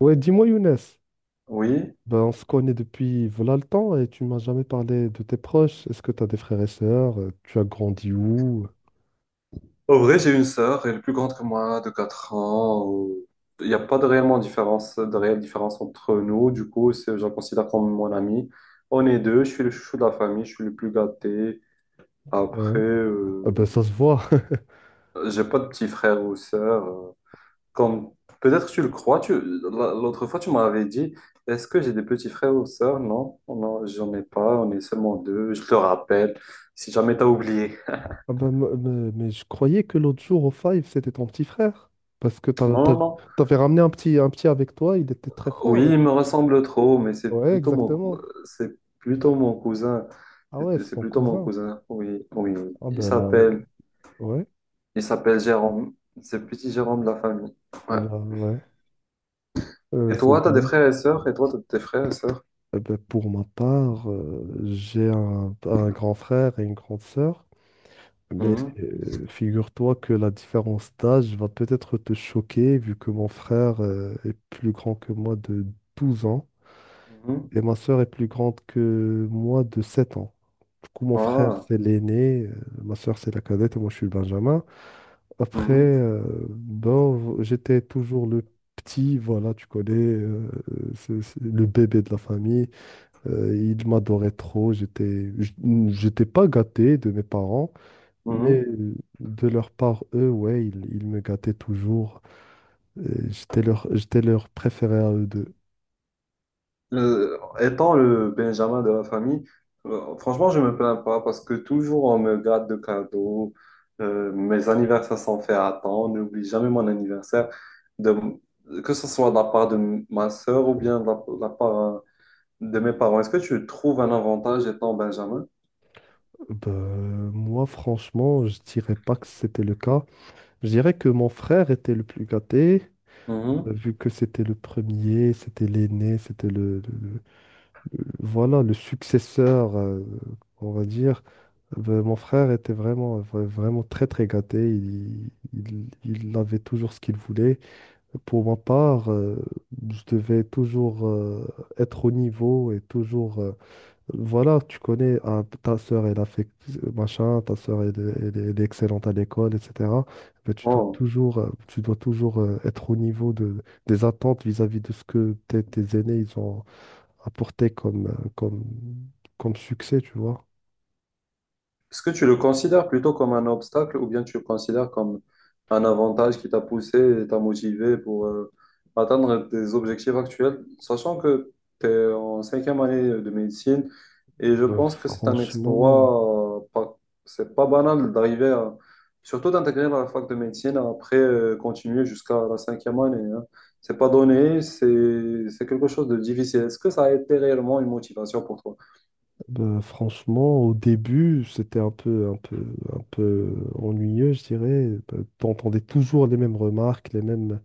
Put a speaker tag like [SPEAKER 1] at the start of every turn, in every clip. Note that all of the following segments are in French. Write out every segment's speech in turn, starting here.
[SPEAKER 1] Ouais, dis-moi Younes,
[SPEAKER 2] Oui,
[SPEAKER 1] on se connaît depuis voilà le temps et tu m'as jamais parlé de tes proches. Est-ce que tu as des frères et sœurs? Tu as grandi où?
[SPEAKER 2] au vrai, j'ai une sœur, elle est plus grande que moi, de 4 ans. Il n'y a pas de réellement différence, de réelle différence entre nous. Du coup, je la considère comme mon amie. On est deux, je suis le chouchou de la famille, je suis le plus gâté.
[SPEAKER 1] Ouais.
[SPEAKER 2] Après,
[SPEAKER 1] Ah
[SPEAKER 2] euh,
[SPEAKER 1] ben, ça se voit.
[SPEAKER 2] j'ai pas de petits frères ou sœurs. Comme peut-être tu le crois, l'autre fois tu m'avais dit, est-ce que j'ai des petits frères ou sœurs? Non, non, j'en ai pas, on est seulement deux. Je te rappelle, si jamais t'as oublié.
[SPEAKER 1] Ah ben, mais, je croyais que l'autre jour au Five, c'était ton petit frère. Parce que
[SPEAKER 2] Non,
[SPEAKER 1] t'as-
[SPEAKER 2] non, non.
[SPEAKER 1] t'avais ramené un petit avec toi, il était très
[SPEAKER 2] Oui,
[SPEAKER 1] fort. Et-
[SPEAKER 2] il me ressemble trop,
[SPEAKER 1] ouais, exactement.
[SPEAKER 2] c'est plutôt mon cousin.
[SPEAKER 1] Ah ouais,
[SPEAKER 2] C'est
[SPEAKER 1] c'est
[SPEAKER 2] c'est
[SPEAKER 1] ton
[SPEAKER 2] plutôt mon
[SPEAKER 1] cousin.
[SPEAKER 2] cousin, oui, oui.
[SPEAKER 1] Ah
[SPEAKER 2] Il
[SPEAKER 1] ben là,
[SPEAKER 2] s'appelle,
[SPEAKER 1] ouais.
[SPEAKER 2] il s'appelle Jérôme. C'est le petit Jérôme de la famille.
[SPEAKER 1] Ah
[SPEAKER 2] Ouais.
[SPEAKER 1] ben, ouais.
[SPEAKER 2] Et
[SPEAKER 1] C'est
[SPEAKER 2] toi, t'as des
[SPEAKER 1] bien.
[SPEAKER 2] frères et sœurs? Et toi, t'as des frères et sœurs?
[SPEAKER 1] Eh ben, pour ma part, j'ai un grand frère et une grande sœur. Mais
[SPEAKER 2] Mhm,
[SPEAKER 1] figure-toi que la différence d'âge va peut-être te choquer, vu que mon frère est plus grand que moi de 12 ans
[SPEAKER 2] mhm.
[SPEAKER 1] et ma sœur est plus grande que moi de 7 ans. Du coup, mon frère,
[SPEAKER 2] Ah,
[SPEAKER 1] c'est l'aîné, ma sœur, c'est la cadette et moi, je suis le benjamin. Après,
[SPEAKER 2] mhm,
[SPEAKER 1] ben, j'étais toujours le petit, voilà, tu connais, c'est le bébé de la famille. Il m'adorait trop, j'étais pas gâté de mes parents.
[SPEAKER 2] mhm.
[SPEAKER 1] Mais de leur part, eux, ouais, ils me gâtaient toujours. Euh, j'étais leur préféré à eux deux.
[SPEAKER 2] Étant le Benjamin de la famille, franchement, je me plains pas parce que toujours on me garde de cadeaux. Mes anniversaires sont faits à temps. On n'oublie jamais mon anniversaire, de, que ce soit de la part de ma sœur ou bien de la part de mes parents. Est-ce que tu trouves un avantage étant Benjamin?
[SPEAKER 1] Ben, moi, franchement, je dirais pas que c'était le cas. Je dirais que mon frère était le plus gâté,
[SPEAKER 2] Mhm.
[SPEAKER 1] vu que c'était le premier, c'était l'aîné, c'était voilà, le successeur, on va dire. Ben, mon frère était vraiment, vraiment très, très gâté. Il avait toujours ce qu'il voulait. Pour ma part, je devais toujours être au niveau et toujours... voilà, tu connais, ah, ta sœur, elle a fait machin, ta sœur, elle est excellente à l'école, etc. Ben,
[SPEAKER 2] Oh.
[SPEAKER 1] tu dois toujours être au niveau de, des attentes vis-à-vis de ce que tes aînés, ils ont apporté comme succès, tu vois.
[SPEAKER 2] Est-ce que tu le considères plutôt comme un obstacle ou bien tu le considères comme un avantage qui t'a poussé et t'a motivé pour atteindre tes objectifs actuels, sachant que tu es en cinquième année de médecine et je
[SPEAKER 1] Ben,
[SPEAKER 2] pense que c'est un
[SPEAKER 1] franchement...
[SPEAKER 2] exploit, c'est pas banal d'arriver à, surtout d'intégrer la fac de médecine après continuer jusqu'à la cinquième année, hein. C'est pas donné, c'est quelque chose de difficile. Est-ce que ça a été réellement une motivation pour toi?
[SPEAKER 1] Ben, franchement, au début, c'était un peu ennuyeux, je dirais. Ben, t'entendais toujours les mêmes remarques, les mêmes,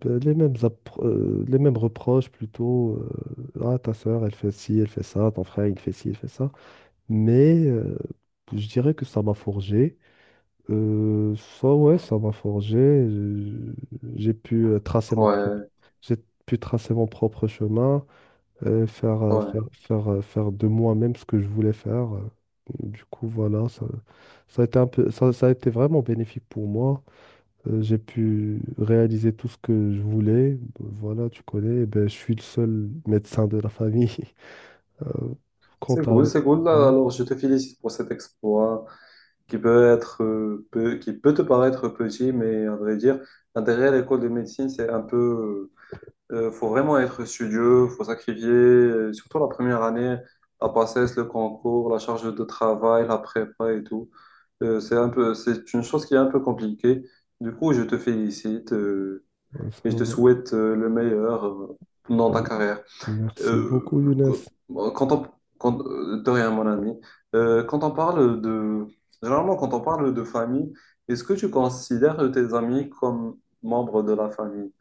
[SPEAKER 1] ben, les mêmes, les mêmes reproches plutôt. Ah, ta sœur, elle fait ci, elle fait ça. Ton frère, il fait ci, il fait ça. Mais je dirais que ça m'a forgé. Euh, ça, ouais, ça m'a forgé. J'ai pu euh, tracer ma propre,
[SPEAKER 2] Ouais,
[SPEAKER 1] j'ai pu tracer mon propre chemin
[SPEAKER 2] ouais.
[SPEAKER 1] faire de moi-même ce que je voulais faire. Du coup, voilà, ça a été vraiment bénéfique pour moi. J'ai pu réaliser tout ce que je voulais. Voilà, tu connais, eh ben, je suis le seul médecin de la famille. Euh, quant
[SPEAKER 2] C'est
[SPEAKER 1] à...
[SPEAKER 2] cool, c'est cool. Bah,
[SPEAKER 1] Ouais,
[SPEAKER 2] alors, je te félicite pour cet exploit qui peut être, qui peut te paraître petit, mais à vrai dire, derrière l'école de médecine, c'est un peu, faut vraiment être studieux, faut sacrifier, surtout la première année, la passesse, le concours, la charge de travail, la prépa et tout. C'est une chose qui est un peu compliquée. Du coup, je te félicite,
[SPEAKER 1] ouais, ça
[SPEAKER 2] et je te
[SPEAKER 1] va.
[SPEAKER 2] souhaite, le meilleur, dans
[SPEAKER 1] Euh,
[SPEAKER 2] ta carrière.
[SPEAKER 1] merci beaucoup,
[SPEAKER 2] Euh,
[SPEAKER 1] Younes.
[SPEAKER 2] quand on, de rien, mon ami. Quand on parle de, Généralement, quand on parle de famille, est-ce que tu considères tes amis comme membres de la famille?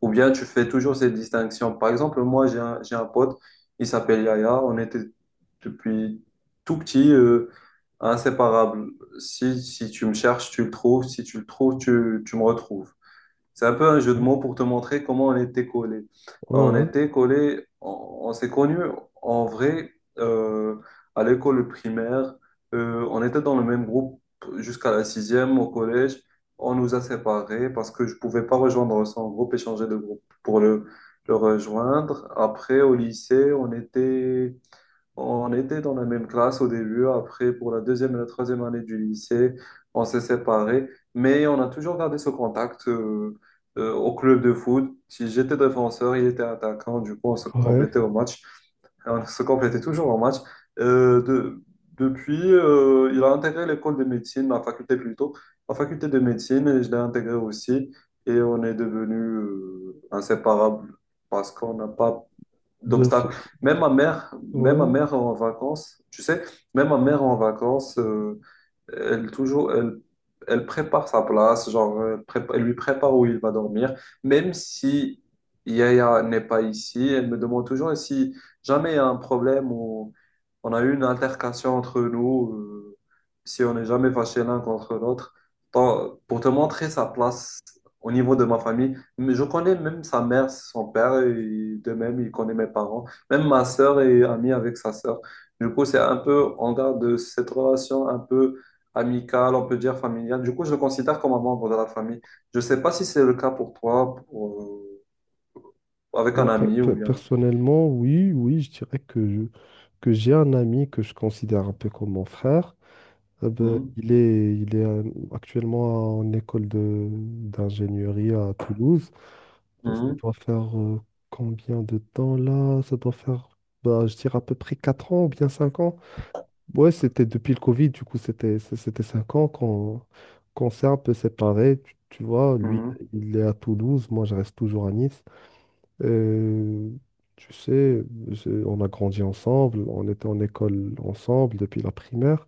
[SPEAKER 2] Ou bien tu fais toujours cette distinction? Par exemple, moi, j'ai un pote, il s'appelle Yaya, on était depuis tout petit, inséparables. Si tu me cherches, tu le trouves, si tu le trouves, tu me retrouves. C'est un peu un jeu de
[SPEAKER 1] Ouais,
[SPEAKER 2] mots pour te montrer comment on était collés. On
[SPEAKER 1] ouais,
[SPEAKER 2] était collés, on s'est connus en vrai euh, à l'école primaire. On était dans le même groupe jusqu'à la sixième au collège. On nous a séparés parce que je pouvais pas rejoindre son groupe et changer de groupe pour le rejoindre. Après, au lycée, on était dans la même classe au début, après pour la deuxième et la troisième année du lycée, on s'est séparés, mais on a toujours gardé ce contact au club de foot. Si j'étais défenseur, il était attaquant, du coup on se
[SPEAKER 1] ouais. Ouais.
[SPEAKER 2] complétait au match. Et on se complétait toujours au match. Euh, de- Depuis, il a intégré l'école de médecine, ma faculté plutôt, ma faculté de médecine, et je l'ai intégré aussi, et on est devenus inséparables parce qu'on n'a pas
[SPEAKER 1] Ben, c'est-
[SPEAKER 2] d'obstacles. Même ma
[SPEAKER 1] ouais.
[SPEAKER 2] mère en vacances, tu sais, même ma mère en vacances, elle toujours, elle, elle prépare sa place, genre, elle lui prépare où il va dormir, même si Yaya n'est pas ici, elle me demande toujours et si jamais il y a un problème ou on a eu une altercation entre nous, si on n'est jamais fâché l'un contre l'autre. Pour te montrer sa place au niveau de ma famille, mais je connais même sa mère, son père, et de même, il connaît mes parents. Même ma sœur est amie avec sa sœur. Du coup, c'est un peu, on garde cette relation un peu amicale, on peut dire familiale. Du coup, je le considère comme un membre de la famille. Je ne sais pas si c'est le cas pour toi, pour, avec
[SPEAKER 1] Bah,
[SPEAKER 2] un ami ou bien.
[SPEAKER 1] personnellement, oui, oui, je dirais que, je- que j'ai un ami que je considère un peu comme mon frère. Bah,
[SPEAKER 2] Mhm,
[SPEAKER 1] il est actuellement en école d'ingénierie à Toulouse. Ça
[SPEAKER 2] mhm,
[SPEAKER 1] doit faire combien de temps là? Ça doit faire, bah, je dirais à peu près 4 ans ou bien 5 ans. Ouais, c'était depuis le Covid, du coup, c'était 5 ans qu'on s'est un peu séparés. Tu vois, lui,
[SPEAKER 2] mhm.
[SPEAKER 1] il est à Toulouse, moi, je reste toujours à Nice. Euh, tu sais, on a grandi ensemble, on était en école ensemble depuis la primaire,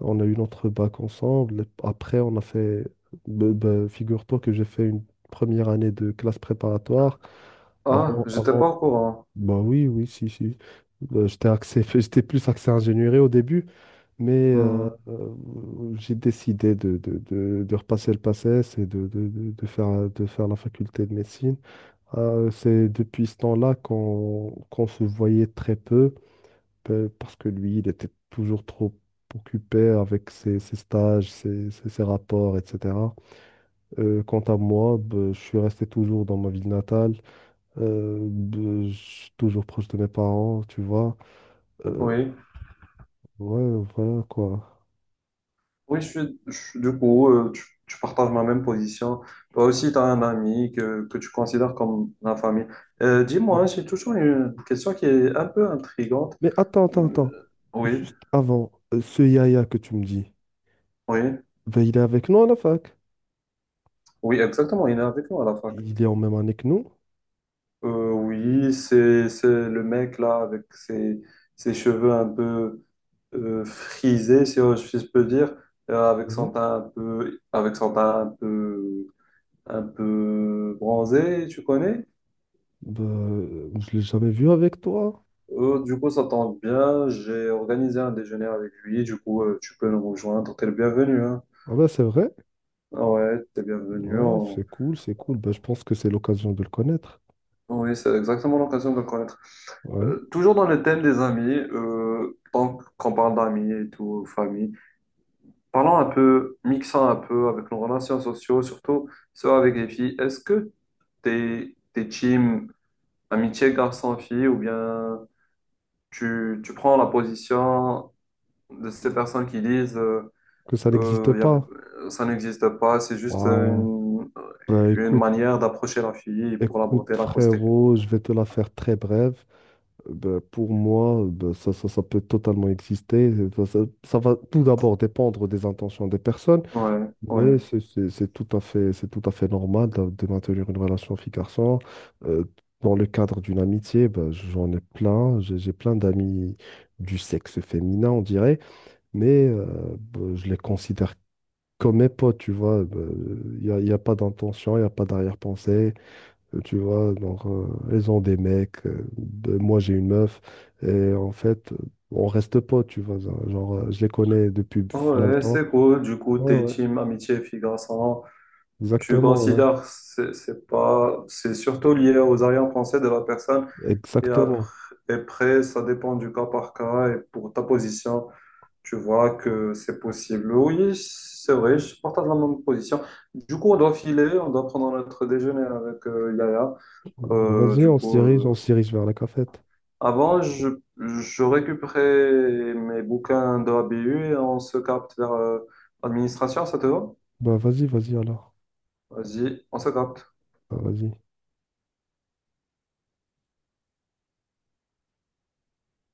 [SPEAKER 1] on a eu notre bac ensemble. Après, on a fait, ben, figure-toi que j'ai fait une première année de classe préparatoire.
[SPEAKER 2] Ah, j'étais
[SPEAKER 1] Avant,
[SPEAKER 2] pas au courant.
[SPEAKER 1] bah oui, oui, si, si. J'étais axé, j'étais plus axé ingénierie au début, mais
[SPEAKER 2] Mhm.
[SPEAKER 1] j'ai décidé de repasser le PACES et de faire la faculté de médecine. C'est depuis ce temps-là qu'on se voyait très peu, pe- parce que lui, il était toujours trop occupé avec ses stages, ses rapports, etc. Quant à moi, ben, je suis resté toujours dans ma ville natale, ben, je suis toujours proche de mes parents, tu vois. Euh,
[SPEAKER 2] Oui,
[SPEAKER 1] ouais, voilà quoi.
[SPEAKER 2] oui, du coup, tu partages ma même position. Toi aussi, tu as un ami que tu considères comme la famille. Dis-moi,
[SPEAKER 1] Ouais.
[SPEAKER 2] j'ai toujours une question qui est un peu intrigante.
[SPEAKER 1] Mais attends, attends, attends.
[SPEAKER 2] Oui,
[SPEAKER 1] Juste avant, ce Yaya que tu me dis,
[SPEAKER 2] oui,
[SPEAKER 1] ben, il est avec nous à la fac.
[SPEAKER 2] oui, exactement, il est avec nous à la fac.
[SPEAKER 1] Il est en même année que nous.
[SPEAKER 2] Oui, c'est le mec là avec ses cheveux un peu frisés, si je peux dire,
[SPEAKER 1] Ouais.
[SPEAKER 2] avec son teint un peu bronzé, tu connais?
[SPEAKER 1] Bah, je l'ai jamais vu avec toi.
[SPEAKER 2] Du coup, ça tombe bien. J'ai organisé un déjeuner avec lui. Du coup, tu peux nous rejoindre. T'es le bienvenu, hein.
[SPEAKER 1] Ah ben c'est vrai.
[SPEAKER 2] Ah ouais, t'es le bienvenu.
[SPEAKER 1] Ouais, c'est cool, c'est cool. Bah, je pense que c'est l'occasion de le connaître.
[SPEAKER 2] Oui, c'est exactement l'occasion de le connaître.
[SPEAKER 1] Ouais.
[SPEAKER 2] Toujours dans le thème des amis, tant qu'on parle d'amis et tout, famille, parlons un peu, mixant un peu avec nos relations sociaux, surtout ceux avec les filles. Est-ce que t'es team amitié garçon-fille ou bien tu prends la position de ces personnes qui disent...
[SPEAKER 1] Que ça n'existe
[SPEAKER 2] Euh, y a-
[SPEAKER 1] pas.
[SPEAKER 2] ça n'existe pas, c'est juste
[SPEAKER 1] Ouais. Bah
[SPEAKER 2] une
[SPEAKER 1] écoute,
[SPEAKER 2] manière d'approcher la fille pour
[SPEAKER 1] écoute
[SPEAKER 2] l'aborder, l'accoster.
[SPEAKER 1] frérot, je vais te la faire très brève. Bah, pour moi, bah, ça peut totalement exister. Ça va tout d'abord dépendre des intentions des personnes.
[SPEAKER 2] Ouais, ouais.
[SPEAKER 1] Mais c'est tout à fait, c'est tout à fait normal de maintenir une relation fille-garçon. Euh, dans le cadre d'une amitié, ben, j'en ai plein. J'ai plein d'amis du sexe féminin, on dirait, mais ben, je les considère comme mes potes, tu vois. Bah, y a pas d'intention, il n'y a pas d'arrière-pensée. Tu vois, donc, elles ont des mecs, ben, moi j'ai une meuf, et en fait, on reste potes, tu vois. Genre, je les connais depuis
[SPEAKER 2] Ah
[SPEAKER 1] là le ouais.
[SPEAKER 2] ouais,
[SPEAKER 1] Temps.
[SPEAKER 2] c'est cool. Du coup,
[SPEAKER 1] Ouais,
[SPEAKER 2] t'es
[SPEAKER 1] ouais,
[SPEAKER 2] team amitié fille-garçon. Tu
[SPEAKER 1] exactement, ouais.
[SPEAKER 2] considères, c'est pas, c'est surtout lié aux arrière-pensées de la personne. Et après,
[SPEAKER 1] Exactement.
[SPEAKER 2] après, ça dépend du cas par cas. Et pour ta position, tu vois que c'est possible. Oui, c'est vrai, je partage la même position. Du coup, on doit filer, on doit prendre notre déjeuner avec Yaya.
[SPEAKER 1] Bah,
[SPEAKER 2] Euh,
[SPEAKER 1] vas-y,
[SPEAKER 2] du coup,
[SPEAKER 1] on
[SPEAKER 2] euh,
[SPEAKER 1] se dirige vers la cafette.
[SPEAKER 2] je récupérais mes bouquins de ABU et on se capte vers l'administration, ça te va?
[SPEAKER 1] Bah vas-y, vas-y alors.
[SPEAKER 2] Vas-y, on se capte.
[SPEAKER 1] Bah, vas-y.